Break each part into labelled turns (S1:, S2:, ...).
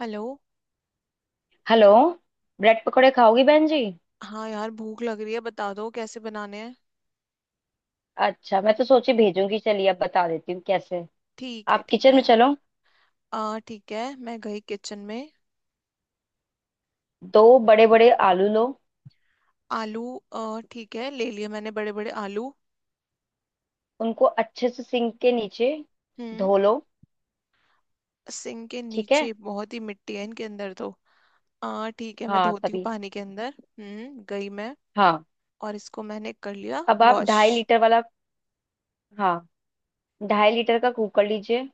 S1: Hello.
S2: Hello. Bread पकौड़े खाओगी बहन जी।
S1: हाँ यार, भूख लग रही है, बता दो कैसे बनाने हैं।
S2: अच्छा, मैं तो सोची भेजूंगी, चलिए अब बता देती हूँ कैसे।
S1: ठीक है,
S2: आप
S1: ठीक
S2: किचन में
S1: है।
S2: चलो।
S1: आ ठीक है, मैं गई किचन में।
S2: दो बड़े बड़े आलू लो।
S1: आलू। आ ठीक है, ले लिए मैंने बड़े बड़े आलू।
S2: उनको अच्छे से सिंक के नीचे
S1: हम्म।
S2: धो लो।
S1: सिंक के
S2: ठीक है।
S1: नीचे बहुत ही मिट्टी है इनके अंदर तो। आ ठीक है, मैं
S2: हाँ
S1: धोती हूँ
S2: तभी।
S1: पानी के अंदर। हम्म, गई मैं।
S2: हाँ,
S1: और इसको मैंने कर लिया
S2: अब आप
S1: वॉश।
S2: 2.5 लीटर वाला। हाँ, 2.5 लीटर का कुकर लीजिए।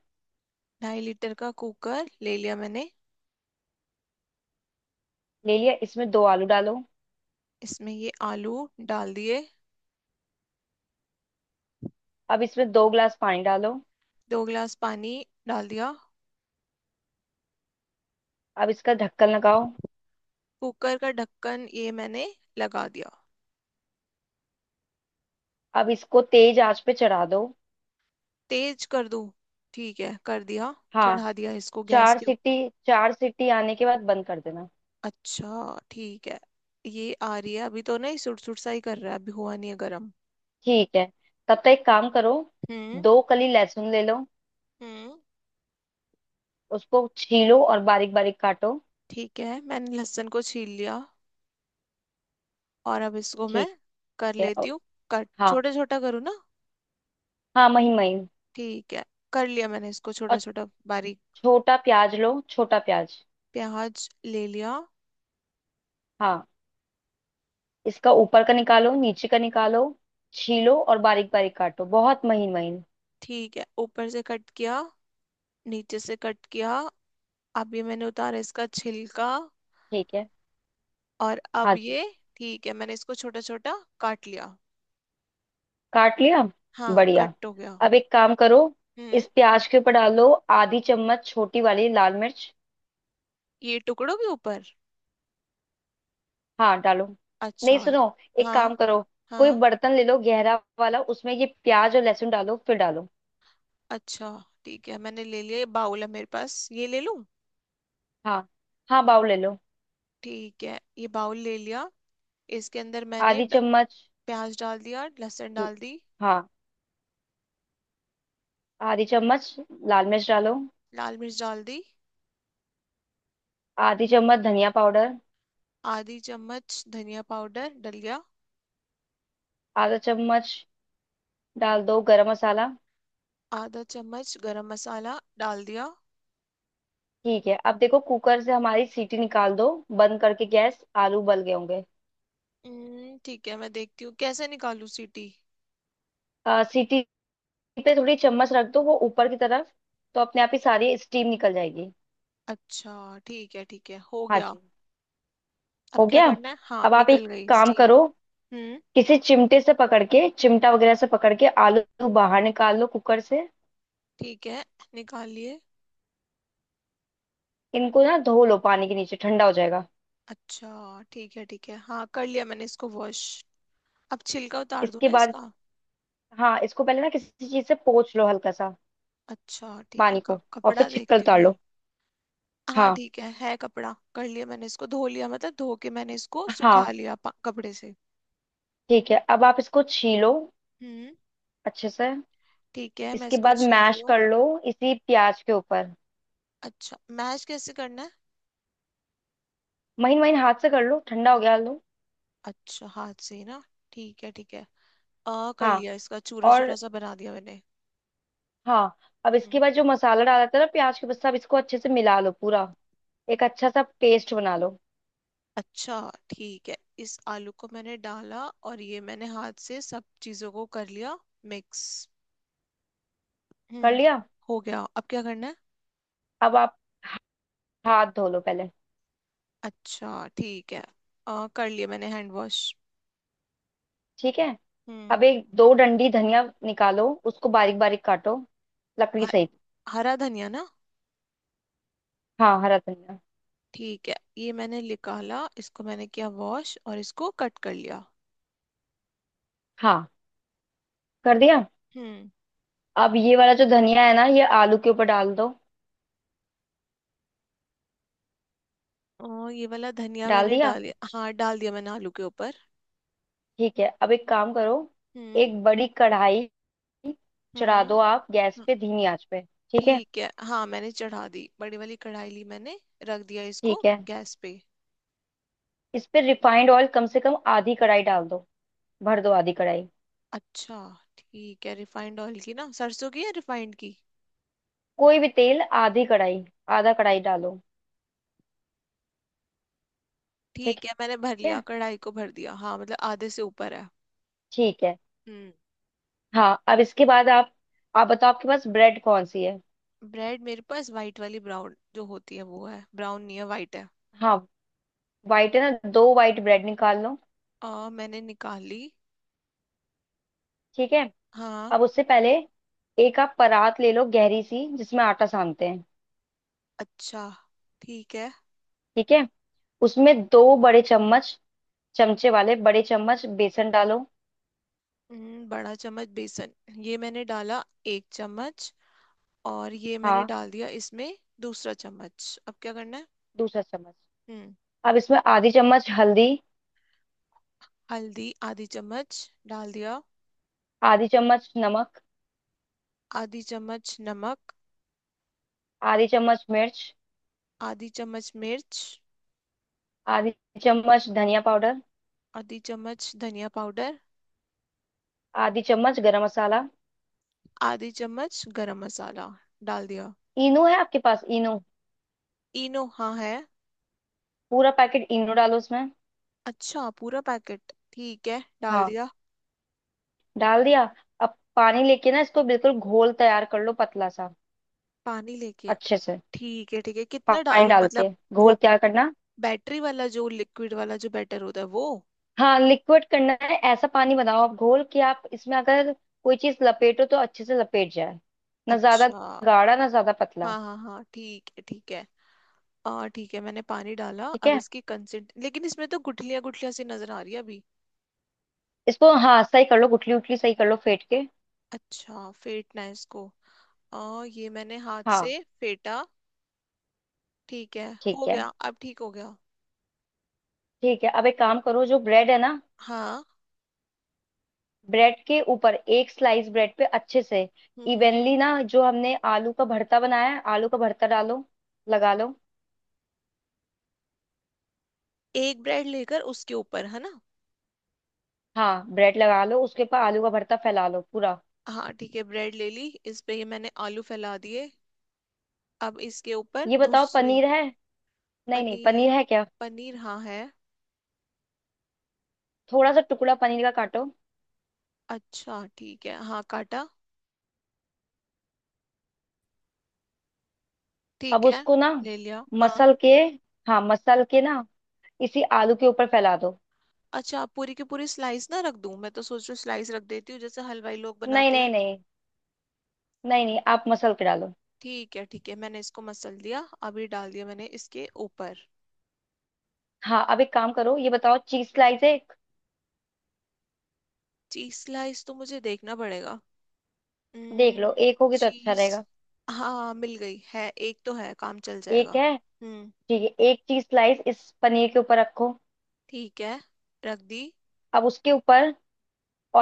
S1: ढाई लीटर का कुकर ले लिया मैंने।
S2: ले लिया, इसमें दो आलू डालो।
S1: इसमें ये आलू डाल दिए।
S2: अब इसमें 2 ग्लास पानी डालो।
S1: दो गिलास पानी डाल दिया।
S2: अब इसका ढक्कन लगाओ।
S1: कुकर का ढक्कन ये मैंने लगा दिया।
S2: अब इसको तेज आंच पे चढ़ा दो।
S1: तेज कर दूं? ठीक है, कर दिया।
S2: हाँ,
S1: चढ़ा दिया इसको गैस
S2: चार
S1: के ऊपर।
S2: सीटी 4 सीटी आने के बाद बंद कर देना।
S1: अच्छा ठीक है। ये आ रही है अभी तो नहीं, सुट सुट सा ही कर रहा है, अभी हुआ नहीं है गर्म।
S2: ठीक है, तब तक एक काम करो।
S1: हम्म।
S2: दो कली लहसुन ले लो।
S1: हम्म।
S2: उसको छीलो और बारीक बारीक काटो।
S1: ठीक है, मैंने लहसुन को छील लिया, और अब इसको मैं
S2: ठीक
S1: कर
S2: है
S1: लेती हूँ। कट
S2: हाँ,
S1: छोटा छोटा करूँ ना?
S2: हाँ महीन महीन।
S1: ठीक है, कर लिया मैंने इसको छोटा
S2: और
S1: छोटा बारीक।
S2: छोटा प्याज लो, छोटा प्याज।
S1: प्याज ले लिया।
S2: हाँ, इसका ऊपर का निकालो, नीचे का निकालो। छीलो और बारीक बारीक काटो, बहुत महीन महीन।
S1: ठीक है, ऊपर से कट किया, नीचे से कट किया, अब ये मैंने उतारा इसका छिलका।
S2: ठीक है।
S1: और
S2: हाँ
S1: अब
S2: जी।
S1: ये, ठीक है मैंने इसको छोटा छोटा काट लिया।
S2: काट लिया।
S1: हाँ,
S2: बढ़िया।
S1: कट हो गया।
S2: अब एक काम करो,
S1: हम्म।
S2: इस प्याज के ऊपर डालो आधी चम्मच छोटी वाली लाल मिर्च।
S1: ये टुकड़ों के ऊपर?
S2: हाँ डालो। नहीं
S1: अच्छा।
S2: सुनो, एक
S1: हाँ।
S2: काम करो। कोई
S1: हाँ।
S2: बर्तन ले लो गहरा वाला, उसमें ये प्याज और लहसुन डालो, फिर डालो।
S1: अच्छा ठीक है, मैंने ले लिया, ये बाउल है मेरे पास, ये ले लूं?
S2: हाँ हाँ, बाउल ले लो।
S1: ठीक है, ये बाउल ले लिया। इसके अंदर मैंने
S2: आधी चम्मच।
S1: प्याज डाल दिया, लहसुन डाल दी।
S2: हाँ, आधी चम्मच लाल मिर्च डालो।
S1: लाल मिर्च डाल दी।
S2: आधी चम्मच धनिया पाउडर।
S1: आधी चम्मच धनिया पाउडर डल गया।
S2: आधा चम्मच डाल दो गरम मसाला।
S1: आधा चम्मच गरम मसाला डाल दिया।
S2: ठीक है, अब देखो कुकर से हमारी सीटी निकाल दो। बंद करके गैस, आलू उबल गए होंगे।
S1: ठीक है, मैं देखती हूँ कैसे निकालूं सीटी।
S2: सीटी पे थोड़ी चम्मच रख दो वो ऊपर की तरफ, तो अपने आप ही सारी स्टीम निकल जाएगी।
S1: अच्छा ठीक है, ठीक है, हो
S2: हाँ
S1: गया।
S2: जी,
S1: अब
S2: हो
S1: क्या
S2: गया।
S1: करना है? हाँ,
S2: अब आप
S1: निकल
S2: एक
S1: गई
S2: काम
S1: स्टीम।
S2: करो।
S1: हम्म।
S2: किसी चिमटे से पकड़ के, चिमटा वगैरह से पकड़ के आलू बाहर निकाल लो कुकर से।
S1: ठीक है, निकाल लिए।
S2: इनको ना धो लो पानी के नीचे, ठंडा हो जाएगा।
S1: अच्छा ठीक है, ठीक है, हाँ कर लिया मैंने इसको वॉश। अब छिलका उतार दूं
S2: इसके
S1: ना
S2: बाद
S1: इसका?
S2: हाँ, इसको पहले ना किसी चीज से पोंछ लो हल्का सा
S1: अच्छा ठीक है,
S2: पानी को, और फिर
S1: कपड़ा
S2: छिक्कर
S1: देखती हूँ
S2: उतार
S1: मैं।
S2: लो।
S1: हाँ
S2: हाँ
S1: ठीक है कपड़ा, कर लिया मैंने, इसको धो लिया, मतलब धो के मैंने इसको सुखा
S2: हाँ।
S1: लिया कपड़े से।
S2: ठीक है, अब आप इसको छीलो
S1: हम्म।
S2: अच्छे से।
S1: ठीक है, मैं
S2: इसके
S1: इसको
S2: बाद
S1: छील रही
S2: मैश
S1: हूँ।
S2: कर लो, इसी प्याज के ऊपर।
S1: अच्छा, मैश कैसे करना है?
S2: महीन महीन हाथ से कर लो, ठंडा हो गया आलू।
S1: अच्छा, हाथ से ही ना? ठीक है, ठीक है। आ कर
S2: हाँ
S1: लिया, इसका चूरा चूरा
S2: और
S1: सा बना दिया मैंने।
S2: हाँ, अब
S1: हम्म।
S2: इसके बाद जो मसाला डाला था ना प्याज के ऊपर, सब इसको अच्छे से मिला लो पूरा। एक अच्छा सा पेस्ट बना लो।
S1: अच्छा ठीक है, इस आलू को मैंने डाला, और ये मैंने हाथ से सब चीजों को कर लिया मिक्स।
S2: कर
S1: हम्म।
S2: लिया।
S1: हो गया, अब क्या करना है?
S2: अब आप हाथ धो लो पहले।
S1: अच्छा ठीक है। कर लिया मैंने हैंड वॉश।
S2: ठीक है,
S1: हम्म।
S2: अब एक दो डंडी धनिया निकालो, उसको
S1: हम्म,
S2: बारीक बारीक काटो, लकड़ी
S1: ह-
S2: सहित।
S1: हरा धनिया ना?
S2: हाँ, हरा धनिया।
S1: ठीक है, ये मैंने निकाला, इसको मैंने किया वॉश और इसको कट कर लिया।
S2: हाँ, कर दिया।
S1: हम्म।
S2: अब ये वाला जो धनिया है ना, ये आलू के ऊपर डाल दो।
S1: ओ, ये वाला धनिया
S2: डाल
S1: मैंने
S2: दिया।
S1: डाल, हाँ डाल दिया मैंने आलू के ऊपर।
S2: ठीक है, अब एक काम करो।
S1: हम्म।
S2: एक बड़ी कढ़ाई चढ़ा दो आप गैस
S1: हम्म।
S2: पे, धीमी आंच पे। ठीक है।
S1: ठीक है, हाँ मैंने चढ़ा दी, बड़ी वाली कढ़ाई ली मैंने, रख दिया इसको
S2: ठीक है,
S1: गैस पे।
S2: इस पे रिफाइंड ऑयल कम से कम आधी कढ़ाई डाल दो। भर दो आधी कढ़ाई।
S1: अच्छा ठीक है, रिफाइंड ऑयल की ना सरसों की, या रिफाइंड की?
S2: कोई भी तेल, आधी कढ़ाई, आधा कढ़ाई डालो। ठीक
S1: ठीक है, मैंने भर लिया,
S2: है।
S1: कढ़ाई को भर दिया, हाँ मतलब आधे से ऊपर है।
S2: ठीक है।
S1: हम्म।
S2: हाँ, अब इसके बाद आप बताओ आपके पास ब्रेड कौन सी है।
S1: ब्रेड मेरे पास वाइट वाली, ब्राउन जो होती है वो है, ब्राउन नहीं है, वाइट है।
S2: हाँ, वाइट है ना, दो वाइट ब्रेड निकाल लो।
S1: मैंने निकाली।
S2: ठीक है,
S1: हाँ।
S2: अब उससे पहले एक आप परात ले लो गहरी सी, जिसमें आटा सानते हैं।
S1: अच्छा ठीक है।
S2: ठीक है, उसमें दो बड़े चम्मच, चमचे वाले बड़े चम्मच बेसन डालो।
S1: बड़ा चम्मच बेसन, ये मैंने डाला एक चम्मच, और ये मैंने
S2: हाँ,
S1: डाल दिया इसमें दूसरा चम्मच, अब क्या करना है?
S2: दूसरा चम्मच।
S1: हम्म,
S2: अब इसमें आधी चम्मच हल्दी,
S1: हल्दी आधी चम्मच डाल दिया।
S2: आधी चम्मच नमक,
S1: आधी चम्मच नमक।
S2: आधी चम्मच मिर्च,
S1: आधी चम्मच मिर्च।
S2: आधी चम्मच धनिया पाउडर,
S1: आधी चम्मच धनिया पाउडर।
S2: आधी चम्मच गरम मसाला।
S1: आधी चम्मच गरम मसाला डाल दिया।
S2: इनो है आपके पास, इनो?
S1: इनो हाँ है।
S2: पूरा पैकेट इनो डालो उसमें।
S1: अच्छा पूरा पैकेट, ठीक है डाल
S2: हाँ,
S1: दिया।
S2: डाल दिया। अब पानी लेके ना इसको बिल्कुल घोल तैयार कर लो, पतला सा,
S1: पानी लेके
S2: अच्छे से।
S1: ठीक है, ठीक है, कितना
S2: पानी
S1: डालूं
S2: डाल के
S1: मतलब?
S2: घोल
S1: वो
S2: तैयार करना।
S1: बैटरी वाला, जो लिक्विड वाला जो बैटर होता है वो?
S2: हाँ, लिक्विड करना है, ऐसा पानी बनाओ आप घोल कि आप इसमें अगर कोई चीज लपेटो तो अच्छे से लपेट जाए। ना ज्यादा
S1: अच्छा।
S2: गाढ़ा, ना ज्यादा पतला।
S1: हाँ हाँ हाँ, ठीक है ठीक है। आ ठीक है, मैंने पानी डाला,
S2: ठीक
S1: अब
S2: है,
S1: इसकी कंसिस्ट, लेकिन इसमें तो गुठलियां गुठलियां सी नजर आ रही है अभी।
S2: इसको हाँ सही कर लो, गुठली उठली सही कर लो फेंट के।
S1: अच्छा, फेटना है इसको? ये मैंने हाथ
S2: हाँ।
S1: से फेटा। ठीक है। हो
S2: ठीक है।
S1: गया, अब ठीक हो गया।
S2: ठीक है, अब एक काम करो, जो ब्रेड है ना,
S1: हाँ।
S2: ब्रेड के ऊपर, एक स्लाइस ब्रेड पे अच्छे से
S1: हम्म। हम्म।
S2: इवनली ना, जो हमने आलू का भरता बनाया है आलू का भरता डालो, लगा लो।
S1: एक ब्रेड लेकर उसके ऊपर है ना?
S2: हाँ, ब्रेड लगा लो, उसके ऊपर आलू का भरता फैला लो पूरा।
S1: हाँ ठीक है, ब्रेड ले ली, इस पे ये मैंने आलू फैला दिए, अब इसके ऊपर
S2: ये बताओ
S1: दूसरी।
S2: पनीर है, नहीं नहीं,
S1: पनीर?
S2: पनीर है क्या?
S1: पनीर हाँ है।
S2: थोड़ा सा टुकड़ा पनीर का काटो।
S1: अच्छा ठीक है, हाँ काटा।
S2: अब
S1: ठीक है,
S2: उसको ना
S1: ले लिया हाँ।
S2: मसल के, हाँ मसल के ना, इसी आलू के ऊपर फैला दो।
S1: अच्छा, पूरी की पूरी स्लाइस ना रख दूं? मैं तो सोच रही हूँ स्लाइस रख देती हूँ, जैसे हलवाई लोग
S2: नहीं
S1: बनाते
S2: नहीं
S1: हैं।
S2: नहीं, नहीं नहीं, आप मसल के डालो।
S1: ठीक है, ठीक है, मैंने इसको मसल दिया, अभी डाल दिया मैंने इसके ऊपर।
S2: हाँ, अब एक काम करो, ये बताओ चीज स्लाइस है एक?
S1: चीज स्लाइस तो मुझे देखना पड़ेगा।
S2: देख लो, एक होगी तो अच्छा
S1: चीज,
S2: रहेगा।
S1: हाँ मिल गई है, एक तो है, काम चल
S2: एक
S1: जाएगा।
S2: है।
S1: हम्म।
S2: ठीक है, एक चीज स्लाइस इस पनीर के ऊपर रखो।
S1: ठीक है, रख दी।
S2: अब उसके ऊपर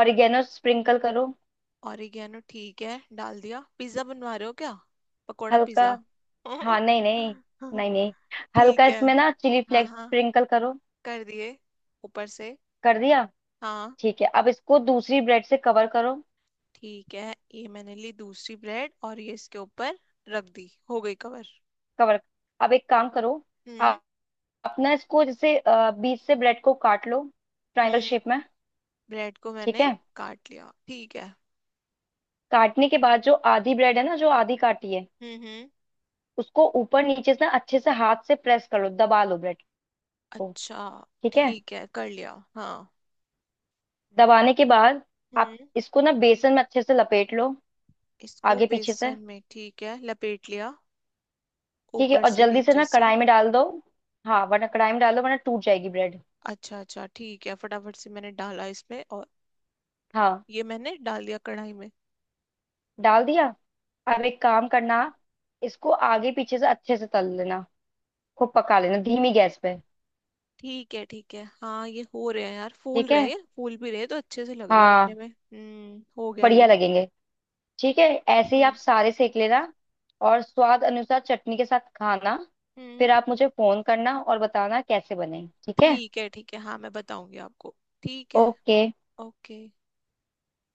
S2: ऑरिगेनो स्प्रिंकल करो।
S1: ऑरिगेनो ठीक है डाल दिया। पिज्जा बनवा रहे हो क्या? पकोड़ा
S2: हल्का।
S1: पिज्जा।
S2: हाँ नहीं नहीं, नहीं नहीं, हल्का
S1: ठीक है,
S2: इसमें ना चिली
S1: हाँ
S2: फ्लेक्स
S1: हाँ,
S2: स्प्रिंकल करो।
S1: कर दिए ऊपर से।
S2: कर दिया।
S1: हाँ।
S2: ठीक है, अब इसको दूसरी ब्रेड से कवर करो।
S1: ठीक है, ये मैंने ली दूसरी ब्रेड, और ये इसके ऊपर रख दी, हो गई कवर।
S2: कवर, अब एक काम करो,
S1: हम्म।
S2: आप अपना इसको जैसे बीच से ब्रेड को काट लो, ट्रायंगल
S1: हम्म,
S2: शेप में।
S1: ब्रेड को
S2: ठीक
S1: मैंने
S2: है,
S1: काट लिया, ठीक है।
S2: काटने के बाद जो आधी ब्रेड है ना, जो आधी काटी है,
S1: हम्म। हम्म।
S2: उसको ऊपर नीचे से ना अच्छे से हाथ से प्रेस कर लो, दबा लो ब्रेड को।
S1: अच्छा
S2: ठीक है,
S1: ठीक है, कर लिया हाँ।
S2: दबाने के बाद आप
S1: हम्म।
S2: इसको ना बेसन में अच्छे से लपेट लो,
S1: इसको
S2: आगे पीछे से।
S1: बेसन में, ठीक है लपेट लिया।
S2: ठीक है,
S1: ऊपर
S2: और
S1: से
S2: जल्दी से
S1: नीचे
S2: ना
S1: से।
S2: कढ़ाई में डाल दो, हाँ वरना, कढ़ाई में डाल दो वरना टूट जाएगी ब्रेड।
S1: अच्छा अच्छा ठीक है, फटाफट से मैंने डाला इसमें, और
S2: हाँ,
S1: ये मैंने डाल दिया कढ़ाई में।
S2: डाल दिया। अब एक काम करना, इसको आगे पीछे से अच्छे से तल लेना, खूब पका लेना धीमी गैस पे।
S1: ठीक है, ठीक है, हाँ ये हो रहे हैं यार, फूल
S2: ठीक
S1: रहे
S2: है।
S1: हैं, फूल भी रहे तो अच्छे से लग रहे हैं बनने
S2: हाँ,
S1: में। हम्म। हो गया
S2: बढ़िया
S1: ये।
S2: लगेंगे। ठीक है, ऐसे ही आप
S1: हम्म।
S2: सारे सेक लेना, और स्वाद अनुसार चटनी के साथ खाना।
S1: हम्म।
S2: फिर आप मुझे फोन करना और बताना कैसे बने, ठीक है।
S1: ठीक है, ठीक है, हाँ मैं बताऊंगी आपको। ठीक है।
S2: ओके।
S1: ओके।